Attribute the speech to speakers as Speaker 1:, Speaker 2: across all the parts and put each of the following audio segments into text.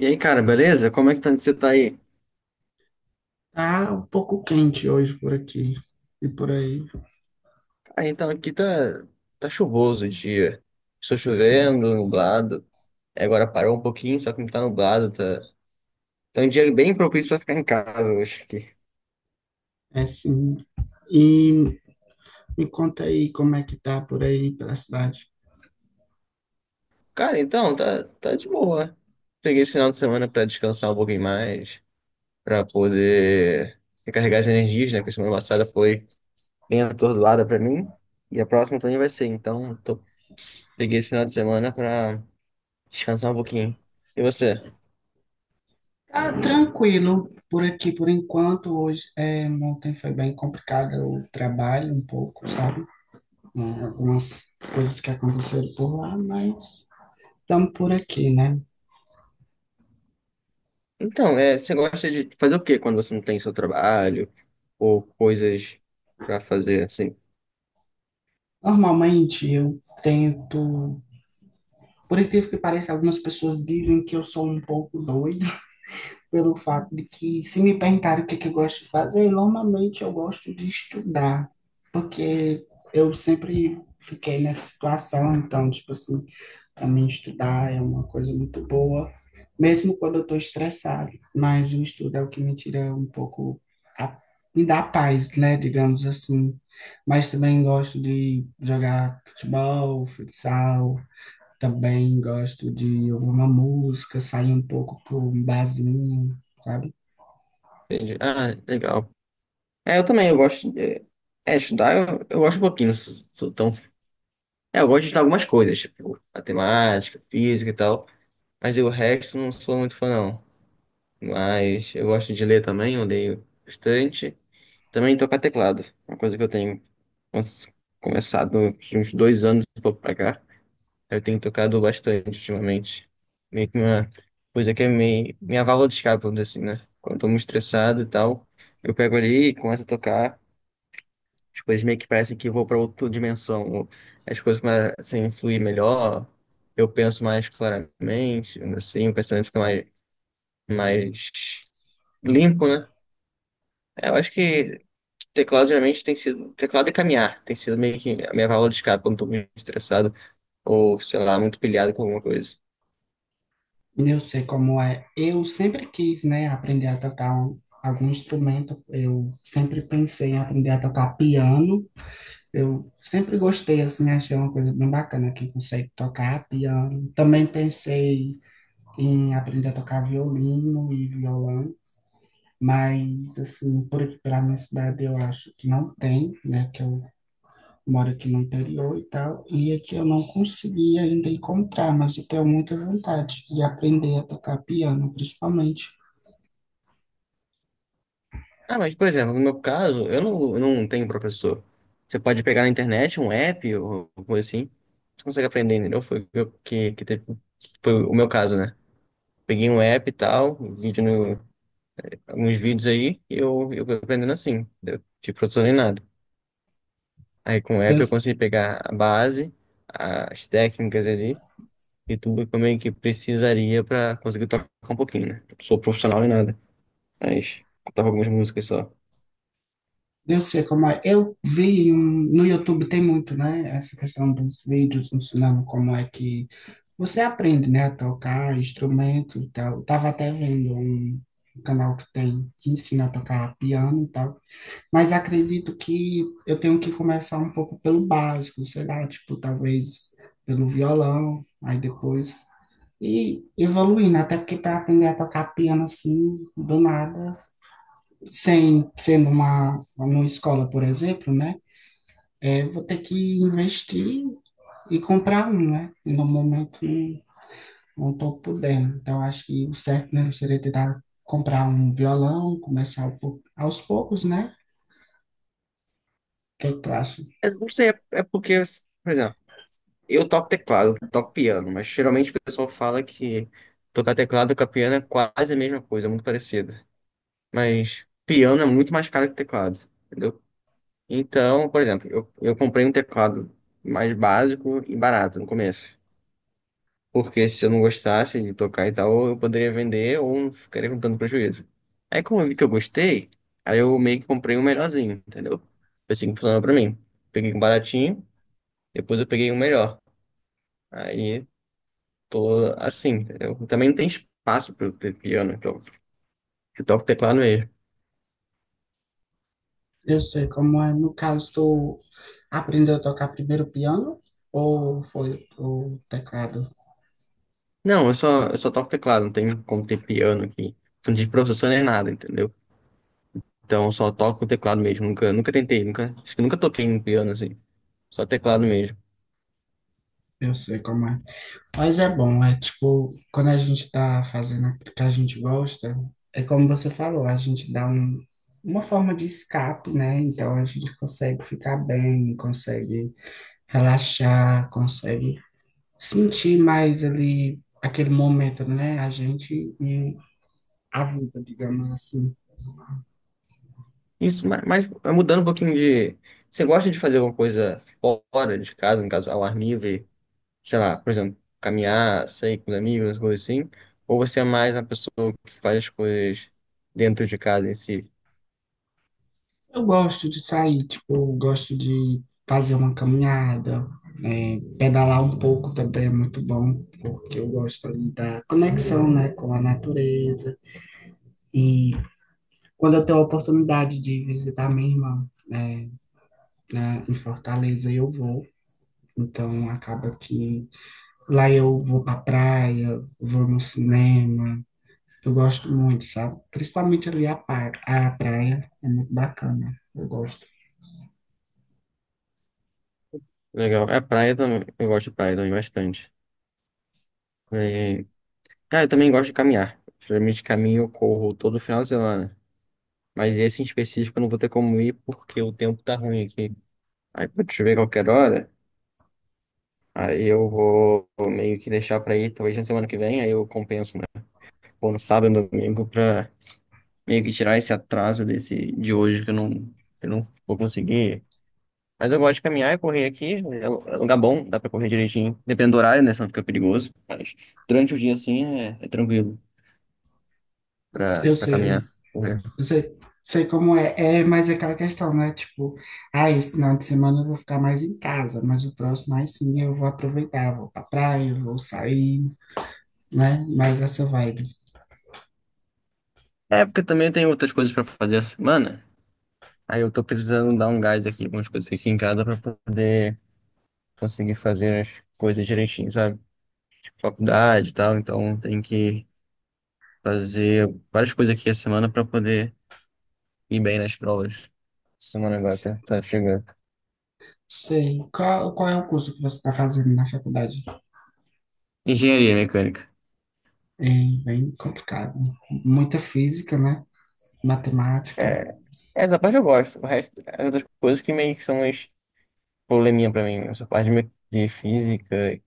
Speaker 1: E aí, cara, beleza? Como é que tá, você tá aí?
Speaker 2: Tá um pouco quente hoje por aqui e por aí.
Speaker 1: Cara, então aqui tá chuvoso o dia. Estou chovendo, nublado. Agora parou um pouquinho, só que não tá nublado, tá. Tá um dia bem propício pra ficar em casa hoje aqui.
Speaker 2: É sim. E me conta aí como é que tá por aí pela cidade.
Speaker 1: Cara, então, tá, tá de boa. Peguei esse final de semana pra descansar um pouquinho mais, pra poder recarregar as energias, né? Porque semana passada foi bem atordoada pra mim. E a próxima também vai ser. Peguei esse final de semana pra descansar um pouquinho. E você?
Speaker 2: Tá tranquilo por aqui por enquanto. Hoje, é, ontem foi bem complicado o trabalho um pouco, sabe? É, algumas coisas que aconteceram por lá, mas estamos por aqui, né?
Speaker 1: Então, você gosta de fazer o quê quando você não tem seu trabalho ou coisas pra fazer assim?
Speaker 2: Normalmente eu tento. Por incrível que pareça, algumas pessoas dizem que eu sou um pouco doido pelo fato de que, se me perguntarem o que, é que eu gosto de fazer, normalmente eu gosto de estudar, porque eu sempre fiquei nessa situação, então, tipo assim, para mim estudar é uma coisa muito boa, mesmo quando eu estou estressado, mas o estudo é o que me tira um pouco, a, me dá paz, né, digamos assim. Mas também gosto de jogar futebol, futsal, também gosto de ouvir uma música, sair um pouco para um barzinho, sabe?
Speaker 1: Entendi. Ah, legal. É, eu também, eu gosto de estudar, eu gosto um pouquinho, não sou, sou tão. É, eu gosto de estudar algumas coisas, tipo matemática, física e tal, mas eu, o resto não sou muito fã, não. Mas eu gosto de ler também, eu leio bastante. Também tocar teclado, uma coisa que eu tenho nossa, começado de uns dois anos e pouco pra cá. Eu tenho tocado bastante ultimamente. Meio que uma coisa que é meio, minha válvula de escape, vamos dizer assim, né? Quando eu tô muito estressado e tal, eu pego ali e começo a tocar. As coisas meio que parecem que eu vou para outra dimensão, ou as coisas começam a fluir melhor. Eu penso mais claramente, assim, o pensamento fica mais limpo, né? Eu acho que teclado geralmente tem sido. Teclado e caminhar tem sido meio que a minha válvula de escape quando eu tô muito estressado ou, sei lá, muito pilhado com alguma coisa.
Speaker 2: E eu sei como é. Eu sempre quis, né, aprender a tocar algum instrumento. Eu sempre pensei em aprender a tocar piano. Eu sempre gostei, assim, achei uma coisa bem bacana quem consegue tocar piano. Também pensei em aprender a tocar violino e violão. Mas, assim, por aqui pela minha cidade eu acho que não tem, né? Que eu moro aqui no interior e tal, e aqui eu não consegui ainda encontrar, mas eu tenho muita vontade de aprender a tocar piano, principalmente.
Speaker 1: Ah, mas, por exemplo, no meu caso, eu não tenho professor. Você pode pegar na internet um app ou coisa assim. Você consegue aprender, entendeu? Foi o que, eu- que teve- Que foi o meu caso, né? Peguei um app e tal, um vídeo no, alguns vídeos aí, e eu fui aprendendo assim, entendeu? Não tive professor nem nada. Aí com o
Speaker 2: Eu,
Speaker 1: app eu consegui pegar a base, as técnicas ali, e tudo como é que precisaria pra conseguir tocar um pouquinho, né? Não sou profissional nem nada, mas tocava algumas músicas só.
Speaker 2: eu sei como é. Eu vi no YouTube tem muito, né? Essa questão dos vídeos ensinando como é que você aprende, né, a tocar instrumento e tal. Eu tava até vendo um canal que tem que ensina a tocar piano e tal. Mas acredito que eu tenho que começar um pouco pelo básico, sei lá, tipo, talvez pelo violão, aí depois e evoluindo, até porque para aprender a tocar piano assim, do nada, sem ser numa, numa escola, por exemplo, né? É, vou ter que investir e comprar um, né? E no momento não estou podendo. Então, acho que o certo mesmo seria tentar comprar um violão, começar aos poucos, né? O que é que tu...
Speaker 1: Mas não sei, é porque, por exemplo, eu toco teclado, eu toco piano, mas geralmente o pessoal fala que tocar teclado com piano é quase a mesma coisa, é muito parecido. Mas piano é muito mais caro que teclado, entendeu? Então, por exemplo, eu comprei um teclado mais básico e barato no começo. Porque se eu não gostasse de tocar e tal, eu poderia vender ou não ficaria com tanto prejuízo. Aí como eu vi que eu gostei, aí eu meio que comprei um melhorzinho, entendeu? Foi assim que funcionou pra mim. Peguei um baratinho, depois eu peguei um melhor. Aí Tô, assim, eu também não tem espaço para eu ter piano, então eu toco teclado mesmo.
Speaker 2: Eu sei como é. No caso, tu aprendeu a tocar primeiro piano ou foi o teclado?
Speaker 1: Não, eu só toco teclado, não tem como ter piano aqui. Não tive professor nem nada, entendeu? Então eu só toco teclado mesmo, nunca tentei, nunca, acho que nunca toquei em piano assim, só teclado mesmo.
Speaker 2: Eu sei como é. Mas é bom, é tipo, quando a gente tá fazendo aquilo que a gente gosta, é como você falou, a gente dá um, uma forma de escape, né? Então a gente consegue ficar bem, consegue relaxar, consegue sentir mais ali aquele momento, né? A gente e a vida, digamos assim.
Speaker 1: Isso, mas mudando um pouquinho de. Você gosta de fazer alguma coisa fora de casa, no caso, ao ar livre, sei lá, por exemplo, caminhar, sair com os amigos, coisas assim? Ou você é mais uma pessoa que faz as coisas dentro de casa em si?
Speaker 2: Eu gosto de sair, tipo, eu gosto de fazer uma caminhada, é, pedalar um pouco também é muito bom, porque eu gosto ali da conexão, né, com a natureza. E quando eu tenho a oportunidade de visitar minha irmã, né, em Fortaleza, eu vou. Então acaba que lá eu vou pra praia, vou no cinema. Eu gosto muito, sabe? Principalmente ali a praia, é muito bacana. Eu gosto.
Speaker 1: Legal. É praia também. Eu gosto de praia também bastante. É, cara, eu também gosto de caminhar. Geralmente caminho, eu corro todo final de semana. Mas esse em específico eu não vou ter como ir porque o tempo tá ruim aqui. Aí pode chover qualquer hora. Aí eu vou meio que deixar pra ir talvez na semana que vem. Aí eu compenso, né? Ou no sábado, no domingo, pra meio que tirar esse atraso desse de hoje que eu não vou conseguir. Mas eu gosto de caminhar e correr aqui. É lugar bom, dá pra correr direitinho. Dependendo do horário, né? Senão fica perigoso. Mas durante o dia, assim, é tranquilo
Speaker 2: Eu
Speaker 1: pra
Speaker 2: sei.
Speaker 1: caminhar, correr.
Speaker 2: Eu sei, como é, é, mas é aquela questão, né? Tipo, ah, esse final de semana eu vou ficar mais em casa, mas o próximo aí sim eu vou aproveitar, vou pra praia, eu vou sair, né? Mais essa vibe.
Speaker 1: É, porque também tem outras coisas pra fazer essa semana. Aí eu tô precisando dar um gás aqui, algumas coisas aqui em casa pra poder conseguir fazer as coisas direitinho, sabe? Faculdade e tal. Então tem que fazer várias coisas aqui a semana pra poder ir bem nas provas. Semana agora tá chegando.
Speaker 2: Sei. Qual é o curso que você está fazendo na faculdade?
Speaker 1: Engenharia mecânica.
Speaker 2: É bem complicado. Muita física, né? Matemática.
Speaker 1: É, essa parte eu gosto. O resto, as outras coisas que meio que são mais probleminha pra mim. Essa parte de me- De física e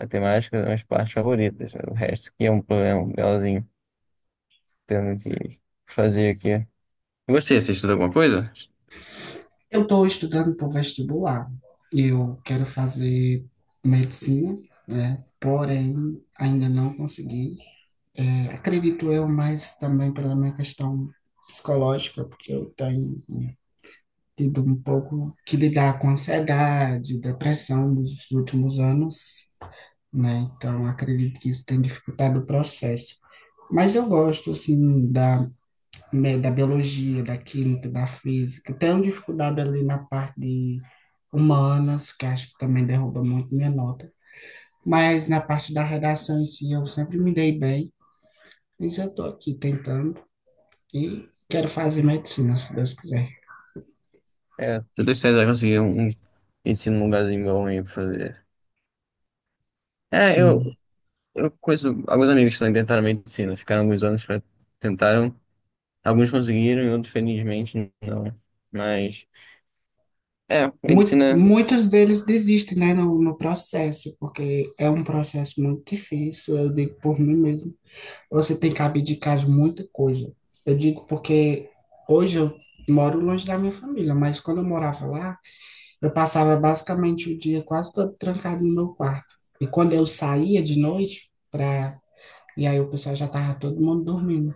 Speaker 1: matemática são as partes favoritas. O resto que é um problema legalzinho, tendo que fazer aqui. E você, você estuda alguma coisa?
Speaker 2: Eu estou estudando para o vestibular. Eu quero fazer medicina, né? Porém, ainda não consegui. É, acredito eu, mas também pela minha questão psicológica, porque eu tenho tido um pouco que lidar com ansiedade, depressão nos últimos anos, né? Então, acredito que isso tem dificultado o processo. Mas eu gosto, assim, da, né, da biologia, da química, da física. Tenho dificuldade ali na parte de humanas, que acho que também derruba muito minha nota. Mas na parte da redação em si, eu sempre me dei bem. Mas eu estou aqui tentando e quero fazer medicina, se Deus quiser.
Speaker 1: É, tô dois anos, já consegui um ensino num lugarzinho bom aí pra fazer. É,
Speaker 2: Sim.
Speaker 1: eu conheço alguns amigos que também tentaram medicina, ficaram alguns anos pra tentaram. Alguns conseguiram e outros, felizmente, não. Mas, é,
Speaker 2: Mu-
Speaker 1: medicina.
Speaker 2: Muitos deles desistem, né, no processo, porque é um processo muito difícil, eu digo por mim mesmo. Você tem que abdicar de muita coisa. Eu digo porque hoje eu moro longe da minha família, mas quando eu morava lá, eu passava basicamente o dia quase todo trancado no meu quarto. E quando eu saía de noite para, e aí o pessoal já tava todo mundo dormindo.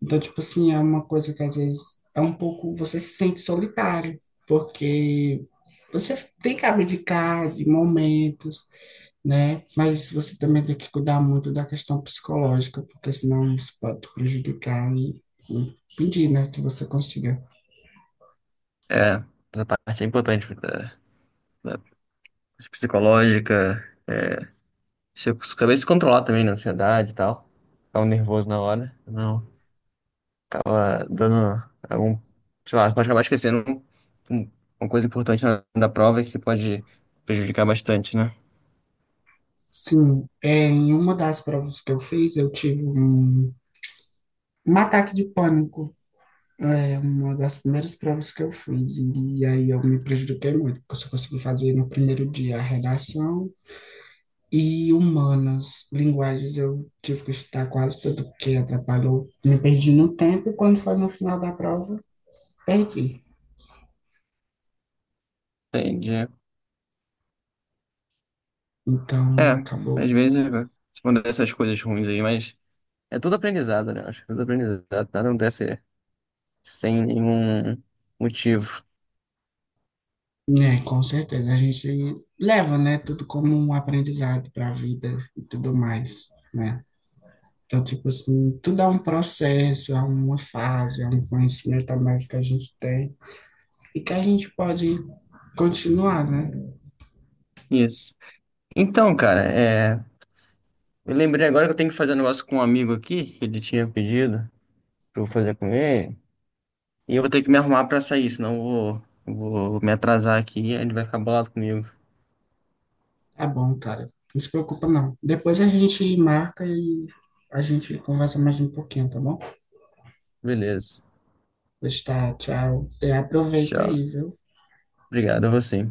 Speaker 2: Então, tipo assim, é uma coisa que às vezes é um pouco, você se sente solitário, porque você tem que abdicar de momentos, né? Mas você também tem que cuidar muito da questão psicológica, porque senão isso pode te prejudicar e impedir, né, que você consiga.
Speaker 1: É, essa parte é importante, da psicológica. É, se eu acabei se controlar também na ansiedade e tal. Ficava nervoso na hora. Não, acaba dando algum. Sei lá, pode acabar esquecendo um- uma coisa importante na, da prova que pode prejudicar bastante, né?
Speaker 2: Sim, é, em uma das provas que eu fiz, eu tive um ataque de pânico. É uma das primeiras provas que eu fiz, e aí eu me prejudiquei muito, porque eu só consegui fazer no primeiro dia a redação e humanas, linguagens, eu tive que estudar quase tudo, porque atrapalhou. Me perdi no tempo, e quando foi no final da prova, perdi.
Speaker 1: Entendi.
Speaker 2: Então,
Speaker 1: É, às
Speaker 2: acabou.
Speaker 1: vezes é, se mandar essas coisas ruins aí, mas é tudo aprendizado, né? Acho que tudo aprendizado. Nada acontece sem nenhum motivo.
Speaker 2: É, com certeza. A gente leva, né, tudo como um aprendizado para a vida e tudo mais, né? Então, tipo assim, tudo é um processo, é uma fase, é um conhecimento a mais que a gente tem e que a gente pode continuar, né?
Speaker 1: Isso. Então, cara, é. Eu lembrei agora que eu tenho que fazer um negócio com um amigo aqui, que ele tinha pedido pra eu fazer com ele. E eu vou ter que me arrumar pra sair, senão eu vou me atrasar aqui e ele vai ficar bolado comigo.
Speaker 2: Tá bom, cara. Não se preocupa, não. Depois a gente marca e a gente conversa mais um pouquinho, tá bom?
Speaker 1: Beleza.
Speaker 2: Pois tá, tchau. E aproveita
Speaker 1: Tchau.
Speaker 2: aí, viu?
Speaker 1: Obrigado a você.